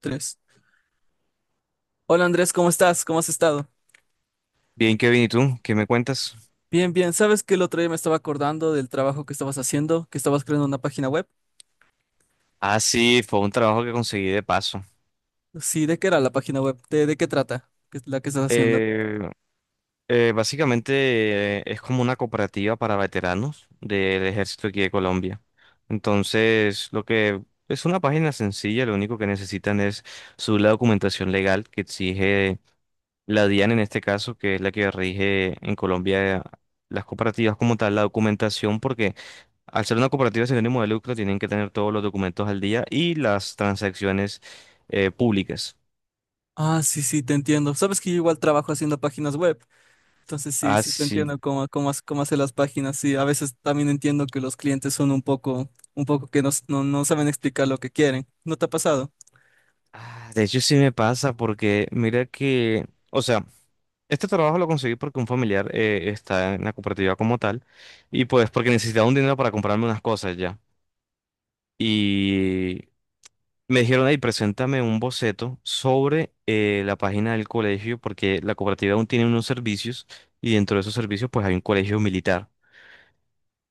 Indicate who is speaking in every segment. Speaker 1: Tres. Hola Andrés, ¿cómo estás? ¿Cómo has estado?
Speaker 2: Bien, Kevin, ¿y tú? ¿Qué me cuentas?
Speaker 1: Bien, bien. ¿Sabes que el otro día me estaba acordando del trabajo que estabas haciendo, que estabas creando una página web?
Speaker 2: Ah, sí, fue un trabajo que conseguí de paso.
Speaker 1: Sí, ¿de qué era la página web? ¿¿De qué trata? ¿Qué es la que estás haciendo?
Speaker 2: Eh, básicamente es como una cooperativa para veteranos del ejército aquí de Colombia. Entonces, lo que es una página sencilla, lo único que necesitan es su la documentación legal que exige la DIAN en este caso, que es la que rige en Colombia las cooperativas como tal, la documentación, porque al ser una cooperativa sin ánimo de lucro, tienen que tener todos los documentos al día y las transacciones públicas.
Speaker 1: Ah, sí, sí, te entiendo. Sabes que yo igual trabajo haciendo páginas web, entonces sí, sí te
Speaker 2: Así,
Speaker 1: entiendo cómo hacer las páginas. Sí, a veces también entiendo que los clientes son un poco que no saben explicar lo que quieren. ¿No te ha pasado?
Speaker 2: ah, de hecho, sí me pasa porque mira que, o sea, este trabajo lo conseguí porque un familiar está en la cooperativa como tal y pues porque necesitaba un dinero para comprarme unas cosas ya. Y me dijeron, ahí, preséntame un boceto sobre la página del colegio porque la cooperativa aún tiene unos servicios y dentro de esos servicios pues hay un colegio militar.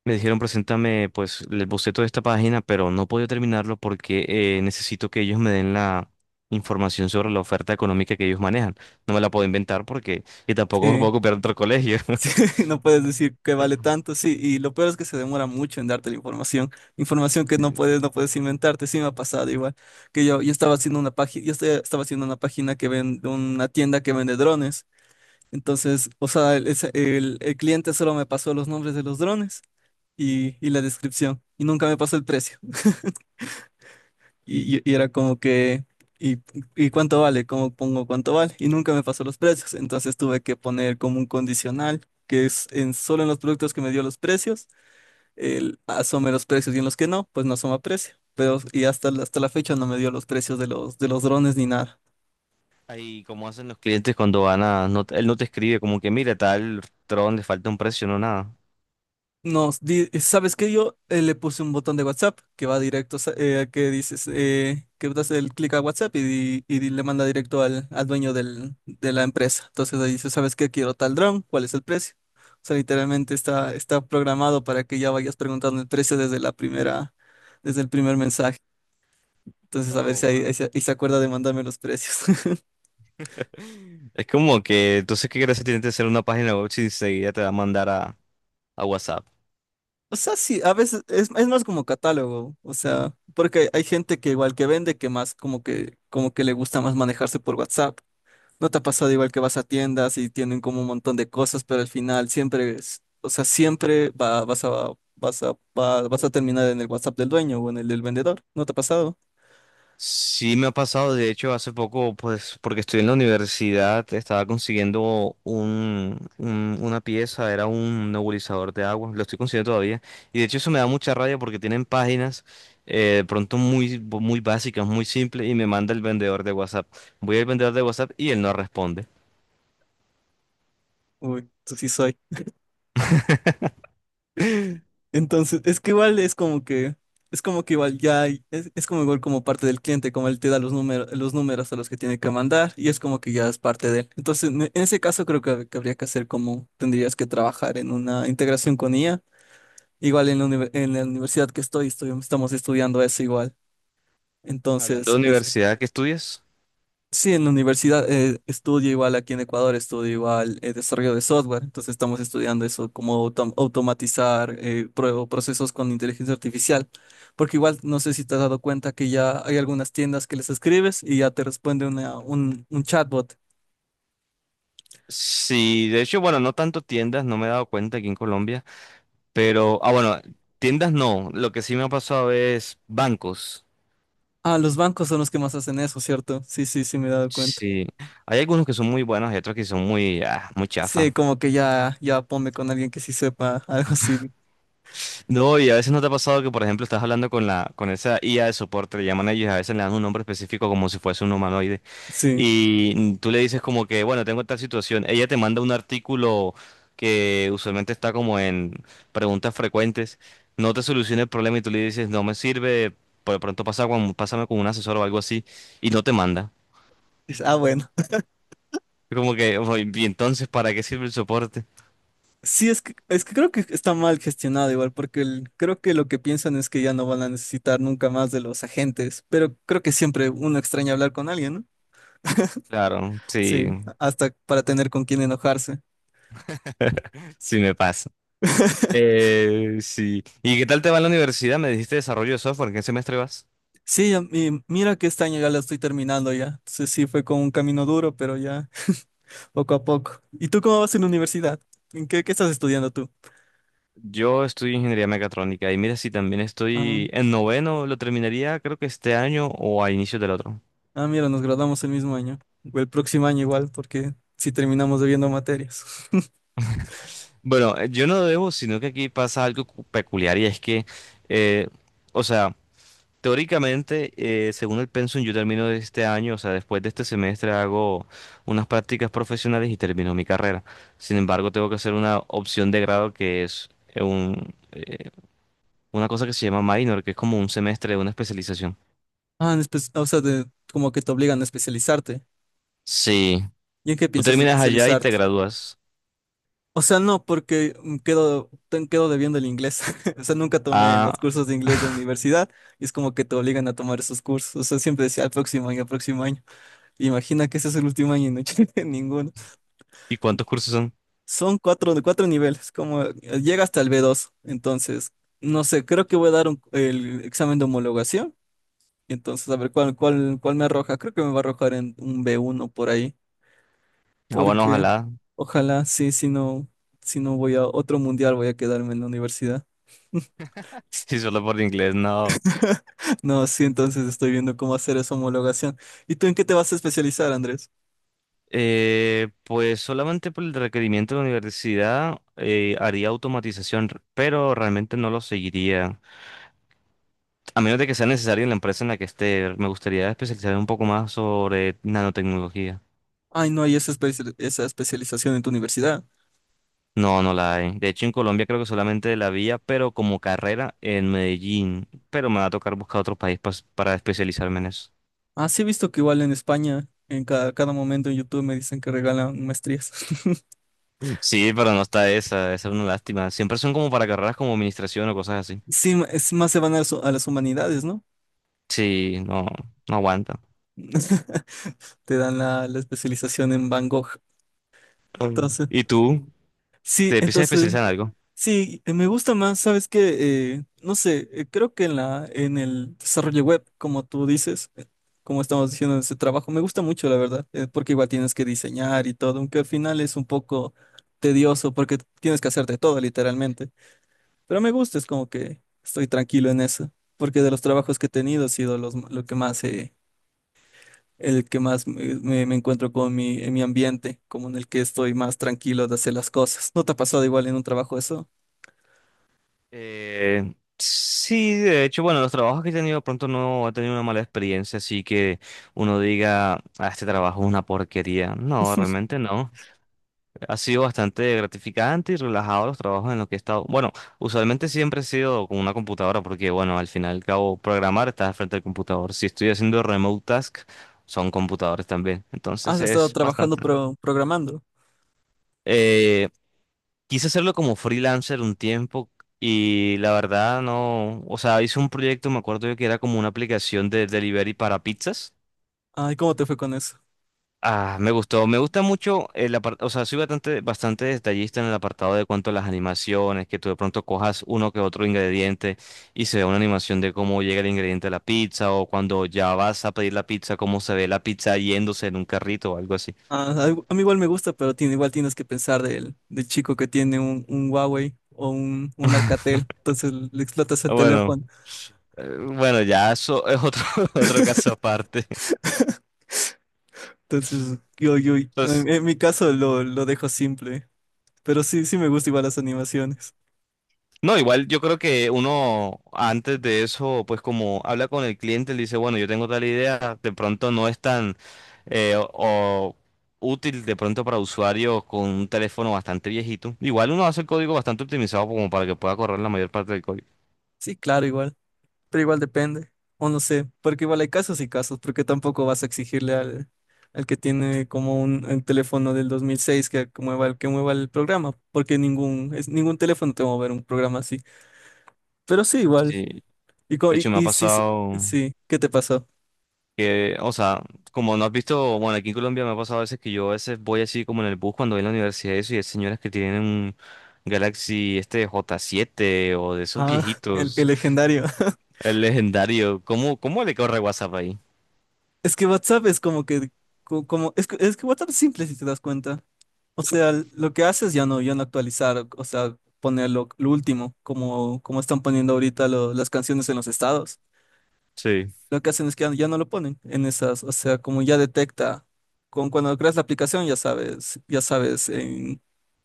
Speaker 2: Me dijeron, preséntame pues el boceto de esta página, pero no puedo terminarlo porque necesito que ellos me den la información sobre la oferta económica que ellos manejan. No me la puedo inventar porque, y tampoco me
Speaker 1: Sí.
Speaker 2: puedo copiar de otro colegio.
Speaker 1: Sí, no puedes decir que vale tanto, sí, y lo peor es que se demora mucho en darte la información, información que no puedes inventarte. Sí, me ha pasado igual, que yo estaba haciendo una página. Yo estaba haciendo una página que vende, una tienda que vende drones. Entonces, o sea, el cliente solo me pasó los nombres de los drones y la descripción, y nunca me pasó el precio. Y y era como que, ¿y, ¿y cuánto vale? ¿Cómo pongo cuánto vale? Y nunca me pasó los precios. Entonces tuve que poner como un condicional, que es solo en los productos que me dio los precios, él asome los precios, y en los que no, pues no asoma precio. Pero, y hasta, hasta la fecha no me dio los precios de de los drones ni nada.
Speaker 2: Ahí, como hacen los clientes cuando van a, él no te escribe como que, mira, tal Tron le falta un precio, no nada.
Speaker 1: ¿Sabes qué? Yo le puse un botón de WhatsApp que va directo, que dices, que das el clic a WhatsApp y, le manda directo al dueño de la empresa. Entonces ahí dice, ¿sabes qué? Quiero tal dron, ¿cuál es el precio? O sea, literalmente está programado para que ya vayas preguntando el precio desde la primera, desde el primer mensaje. Entonces, a ver si
Speaker 2: Pero
Speaker 1: ahí se acuerda de mandarme los precios.
Speaker 2: es como que, entonces, ¿qué gracia tiene de hacer una página web si enseguida te va a mandar a WhatsApp?
Speaker 1: O sea, sí, a veces es más como catálogo. O sea, porque hay gente que igual que vende, que más como que le gusta más manejarse por WhatsApp. ¿No te ha pasado igual que vas a tiendas y tienen como un montón de cosas, pero al final siempre es, o sea, siempre vas a terminar en el WhatsApp del dueño o en el del vendedor? ¿No te ha pasado?
Speaker 2: Sí me ha pasado, de hecho, hace poco, pues, porque estoy en la universidad, estaba consiguiendo un, una pieza, era un nebulizador de agua, lo estoy consiguiendo todavía, y de hecho eso me da mucha rabia porque tienen páginas de pronto muy, muy básicas, muy simples, y me manda el vendedor de WhatsApp. Voy al vendedor de WhatsApp y él no responde.
Speaker 1: Uy, tú sí soy. Entonces, es que igual es como que igual ya, es como igual como parte del cliente, como él te da los números a los que tiene que mandar, y es como que ya es parte de él. Entonces, en ese caso creo que habría que hacer como, tendrías que trabajar en una integración con IA. Igual en la, en la universidad que estamos estudiando eso igual.
Speaker 2: Hablando
Speaker 1: Entonces,
Speaker 2: de
Speaker 1: es,
Speaker 2: universidad, ¿qué estudias?
Speaker 1: sí, en la universidad estudio igual, aquí en Ecuador estudio igual, desarrollo de software. Entonces estamos estudiando eso, cómo automatizar procesos con inteligencia artificial, porque igual no sé si te has dado cuenta que ya hay algunas tiendas que les escribes y ya te responde un chatbot.
Speaker 2: Sí, de hecho, bueno, no tanto tiendas, no me he dado cuenta aquí en Colombia. Pero, ah, bueno, tiendas no. Lo que sí me ha pasado es bancos.
Speaker 1: Ah, los bancos son los que más hacen eso, ¿cierto? Sí, sí, sí, me he dado cuenta.
Speaker 2: Sí, hay algunos que son muy buenos y otros que son muy, ah, muy
Speaker 1: Sí,
Speaker 2: chafa.
Speaker 1: como que ya, ya ponme con alguien que sí sepa, algo así.
Speaker 2: No, y a veces no te ha pasado que, por ejemplo, estás hablando con la, con esa IA de soporte, le llaman a ellos y a veces le dan un nombre específico como si fuese un humanoide.
Speaker 1: Sí.
Speaker 2: Y tú le dices como que, bueno, tengo tal situación. Ella te manda un artículo que usualmente está como en preguntas frecuentes. No te soluciona el problema y tú le dices, no me sirve, por de pronto pasa con, pásame con un asesor o algo así. Y no te manda.
Speaker 1: Ah, bueno.
Speaker 2: Como que, "Ojo, y entonces, ¿para qué sirve el soporte?
Speaker 1: Sí, es que creo que está mal gestionado igual, porque creo que lo que piensan es que ya no van a necesitar nunca más de los agentes, pero creo que siempre uno extraña hablar con alguien, ¿no?
Speaker 2: Claro,
Speaker 1: Sí,
Speaker 2: sí,
Speaker 1: hasta para tener con quién enojarse.
Speaker 2: sí me pasa. Sí. ¿Y qué tal te va en la universidad? Me dijiste desarrollo de software, ¿en qué semestre vas?
Speaker 1: Sí, mira que este año ya la estoy terminando ya. Entonces sí, fue con un camino duro, pero ya poco a poco. ¿Y tú cómo vas en la universidad? ¿Qué estás estudiando tú?
Speaker 2: Yo estudio ingeniería mecatrónica y mira si también
Speaker 1: Ah,
Speaker 2: estoy en noveno, lo terminaría creo que este año o a inicios del otro.
Speaker 1: ah, mira, nos graduamos el mismo año, o el próximo año igual, porque sí terminamos debiendo materias.
Speaker 2: Bueno, yo no debo, sino que aquí pasa algo peculiar y es que, eh, o sea, teóricamente, según el pensum, yo termino de este año, o sea, después de este semestre hago unas prácticas profesionales y termino mi carrera. Sin embargo, tengo que hacer una opción de grado que es una cosa que se llama minor, que es como un semestre de una especialización.
Speaker 1: Ah, en espe- o sea, de- como que te obligan a especializarte.
Speaker 2: Sí,
Speaker 1: ¿Y en qué
Speaker 2: tú
Speaker 1: piensas
Speaker 2: terminas allá y te
Speaker 1: especializarte?
Speaker 2: gradúas.
Speaker 1: O sea, no, porque mm, quedo debiendo el inglés. O sea, nunca tomé
Speaker 2: Ah,
Speaker 1: los cursos de inglés de universidad, y es como que te obligan a tomar esos cursos. O sea, siempre decía al próximo año, al próximo año. Imagina que ese es el último año y no llegué a ninguno.
Speaker 2: ¿y cuántos cursos son?
Speaker 1: Son cuatro, cuatro niveles, como llega hasta el B dos. Entonces, no sé, creo que voy a dar el examen de homologación. Entonces, a ver cuál me arroja. Creo que me va a arrojar en un B uno por ahí.
Speaker 2: Ah, bueno,
Speaker 1: Porque
Speaker 2: ojalá.
Speaker 1: ojalá sí, si no, si no voy a otro mundial, voy a quedarme en la universidad.
Speaker 2: Si solo por inglés, no.
Speaker 1: No, sí, entonces estoy viendo cómo hacer esa homologación. ¿Y tú en qué te vas a especializar, Andrés?
Speaker 2: Pues solamente por el requerimiento de la universidad haría automatización, pero realmente no lo seguiría. A menos de que sea necesario en la empresa en la que esté, me gustaría especializarme un poco más sobre nanotecnología.
Speaker 1: Ay, no hay esa, esa especialización en tu universidad.
Speaker 2: No, no la hay. De hecho, en Colombia creo que solamente la había, pero como carrera en Medellín. Pero me va a tocar buscar otro país para especializarme en eso.
Speaker 1: Ah, sí, he visto que igual en España, en cada momento en YouTube me dicen que regalan maestrías.
Speaker 2: Sí, pero no está esa, esa es una lástima. Siempre son como para carreras como administración o cosas así.
Speaker 1: Sí, es más se van a, las humanidades, ¿no?
Speaker 2: Sí, no, no aguanta.
Speaker 1: Te dan la, la especialización en Van Gogh.
Speaker 2: Mm.
Speaker 1: Entonces,
Speaker 2: ¿Y tú?
Speaker 1: sí,
Speaker 2: Te empiezas a
Speaker 1: entonces,
Speaker 2: especializar en algo.
Speaker 1: sí, me gusta más. ¿Sabes que no sé? Creo que en en el desarrollo web, como tú dices, como estamos diciendo en ese trabajo, me gusta mucho, la verdad, porque igual tienes que diseñar y todo, aunque al final es un poco tedioso porque tienes que hacerte todo, literalmente. Pero me gusta, es como que estoy tranquilo en eso, porque de los trabajos que he tenido ha sido lo que más, el que más me, me- me encuentro con en mi ambiente, como en el que estoy más tranquilo de hacer las cosas. ¿No te ha pasado igual en un trabajo eso?
Speaker 2: Sí, de hecho, bueno, los trabajos que he tenido pronto no he tenido una mala experiencia, así que uno diga, ah, este trabajo es una porquería. No, realmente no. Ha sido bastante gratificante y relajado los trabajos en los que he estado. Bueno, usualmente siempre he sido con una computadora, porque bueno, al final y al cabo, programar estás al frente del computador. Si estoy haciendo remote task, son computadores también. Entonces
Speaker 1: Has estado
Speaker 2: es
Speaker 1: trabajando
Speaker 2: bastante.
Speaker 1: programando.
Speaker 2: Eh, Quise hacerlo como freelancer un tiempo y la verdad no, o sea, hice un proyecto, me acuerdo yo que era como una aplicación de delivery para pizzas.
Speaker 1: Ay, ¿cómo te fue con eso?
Speaker 2: Ah, me gustó, me gusta mucho el apartado, o sea, soy bastante, bastante detallista en el apartado de cuanto a las animaciones, que tú de pronto cojas uno que otro ingrediente y se ve una animación de cómo llega el ingrediente a la pizza o cuando ya vas a pedir la pizza, cómo se ve la pizza yéndose en un carrito o algo así.
Speaker 1: Ah, a mí igual me gusta, pero tiene, igual tienes que pensar del chico que tiene un Huawei o un Alcatel, entonces le explotas el
Speaker 2: Bueno,
Speaker 1: teléfono.
Speaker 2: bueno, ya eso es otro, otro caso aparte.
Speaker 1: Entonces,
Speaker 2: Entonces,
Speaker 1: en mi caso lo dejo simple, pero sí, sí me gusta igual las animaciones.
Speaker 2: no, igual yo creo que uno antes de eso, pues como habla con el cliente, le dice, bueno, yo tengo tal idea, de pronto no es tan o útil de pronto para usuarios con un teléfono bastante viejito. Igual uno hace el código bastante optimizado como para que pueda correr la mayor parte del código.
Speaker 1: Sí, claro, igual. Pero igual depende, o no sé, porque igual hay casos y casos, porque tampoco vas a exigirle al que tiene como un teléfono del 2006 que mueva, que mueva el programa, porque ningún, es, ningún teléfono te va a mover un programa así. Pero sí, igual.
Speaker 2: Sí, de hecho me ha
Speaker 1: Y sí,
Speaker 2: pasado
Speaker 1: sí, ¿qué te pasó?
Speaker 2: que, o sea, como no has visto, bueno, aquí en Colombia me ha pasado a veces que yo a veces voy así como en el bus cuando voy a la universidad y eso y hay señoras que tienen un Galaxy este J7 o de esos
Speaker 1: Ah, el
Speaker 2: viejitos.
Speaker 1: legendario.
Speaker 2: El legendario. ¿Cómo, cómo le corre WhatsApp ahí?
Speaker 1: Es que WhatsApp es como que, es que, es que WhatsApp es simple si te das cuenta. O sea, lo que haces ya ya no actualizar, o sea, poner lo último, como están poniendo ahorita las canciones en los estados.
Speaker 2: Sí.
Speaker 1: Lo que hacen es que ya, ya no lo ponen en esas, o sea, como ya detecta, cuando creas la aplicación ya sabes en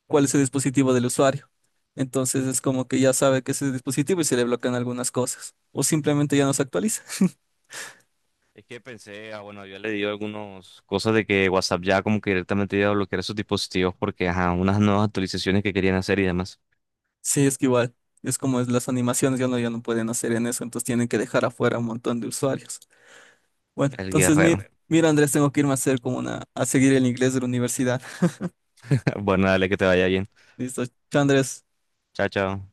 Speaker 1: cuál es el dispositivo del usuario. Entonces es como que ya sabe que es el dispositivo y se le bloquean algunas cosas, o simplemente ya no se actualiza.
Speaker 2: Es que pensé, ah, bueno, yo le di algunas cosas de que WhatsApp ya como que directamente iba a bloquear esos dispositivos porque, ajá, unas nuevas actualizaciones que querían hacer y demás.
Speaker 1: Sí, es que igual, es como es las animaciones, ya no, ya no pueden hacer en eso, entonces tienen que dejar afuera un montón de usuarios. Bueno,
Speaker 2: El
Speaker 1: entonces
Speaker 2: guerrero.
Speaker 1: mira, Andrés, tengo que irme a hacer como una, a seguir el inglés de la universidad.
Speaker 2: Bueno, dale que te vaya bien.
Speaker 1: Listo, chao, Andrés.
Speaker 2: Chao, chao.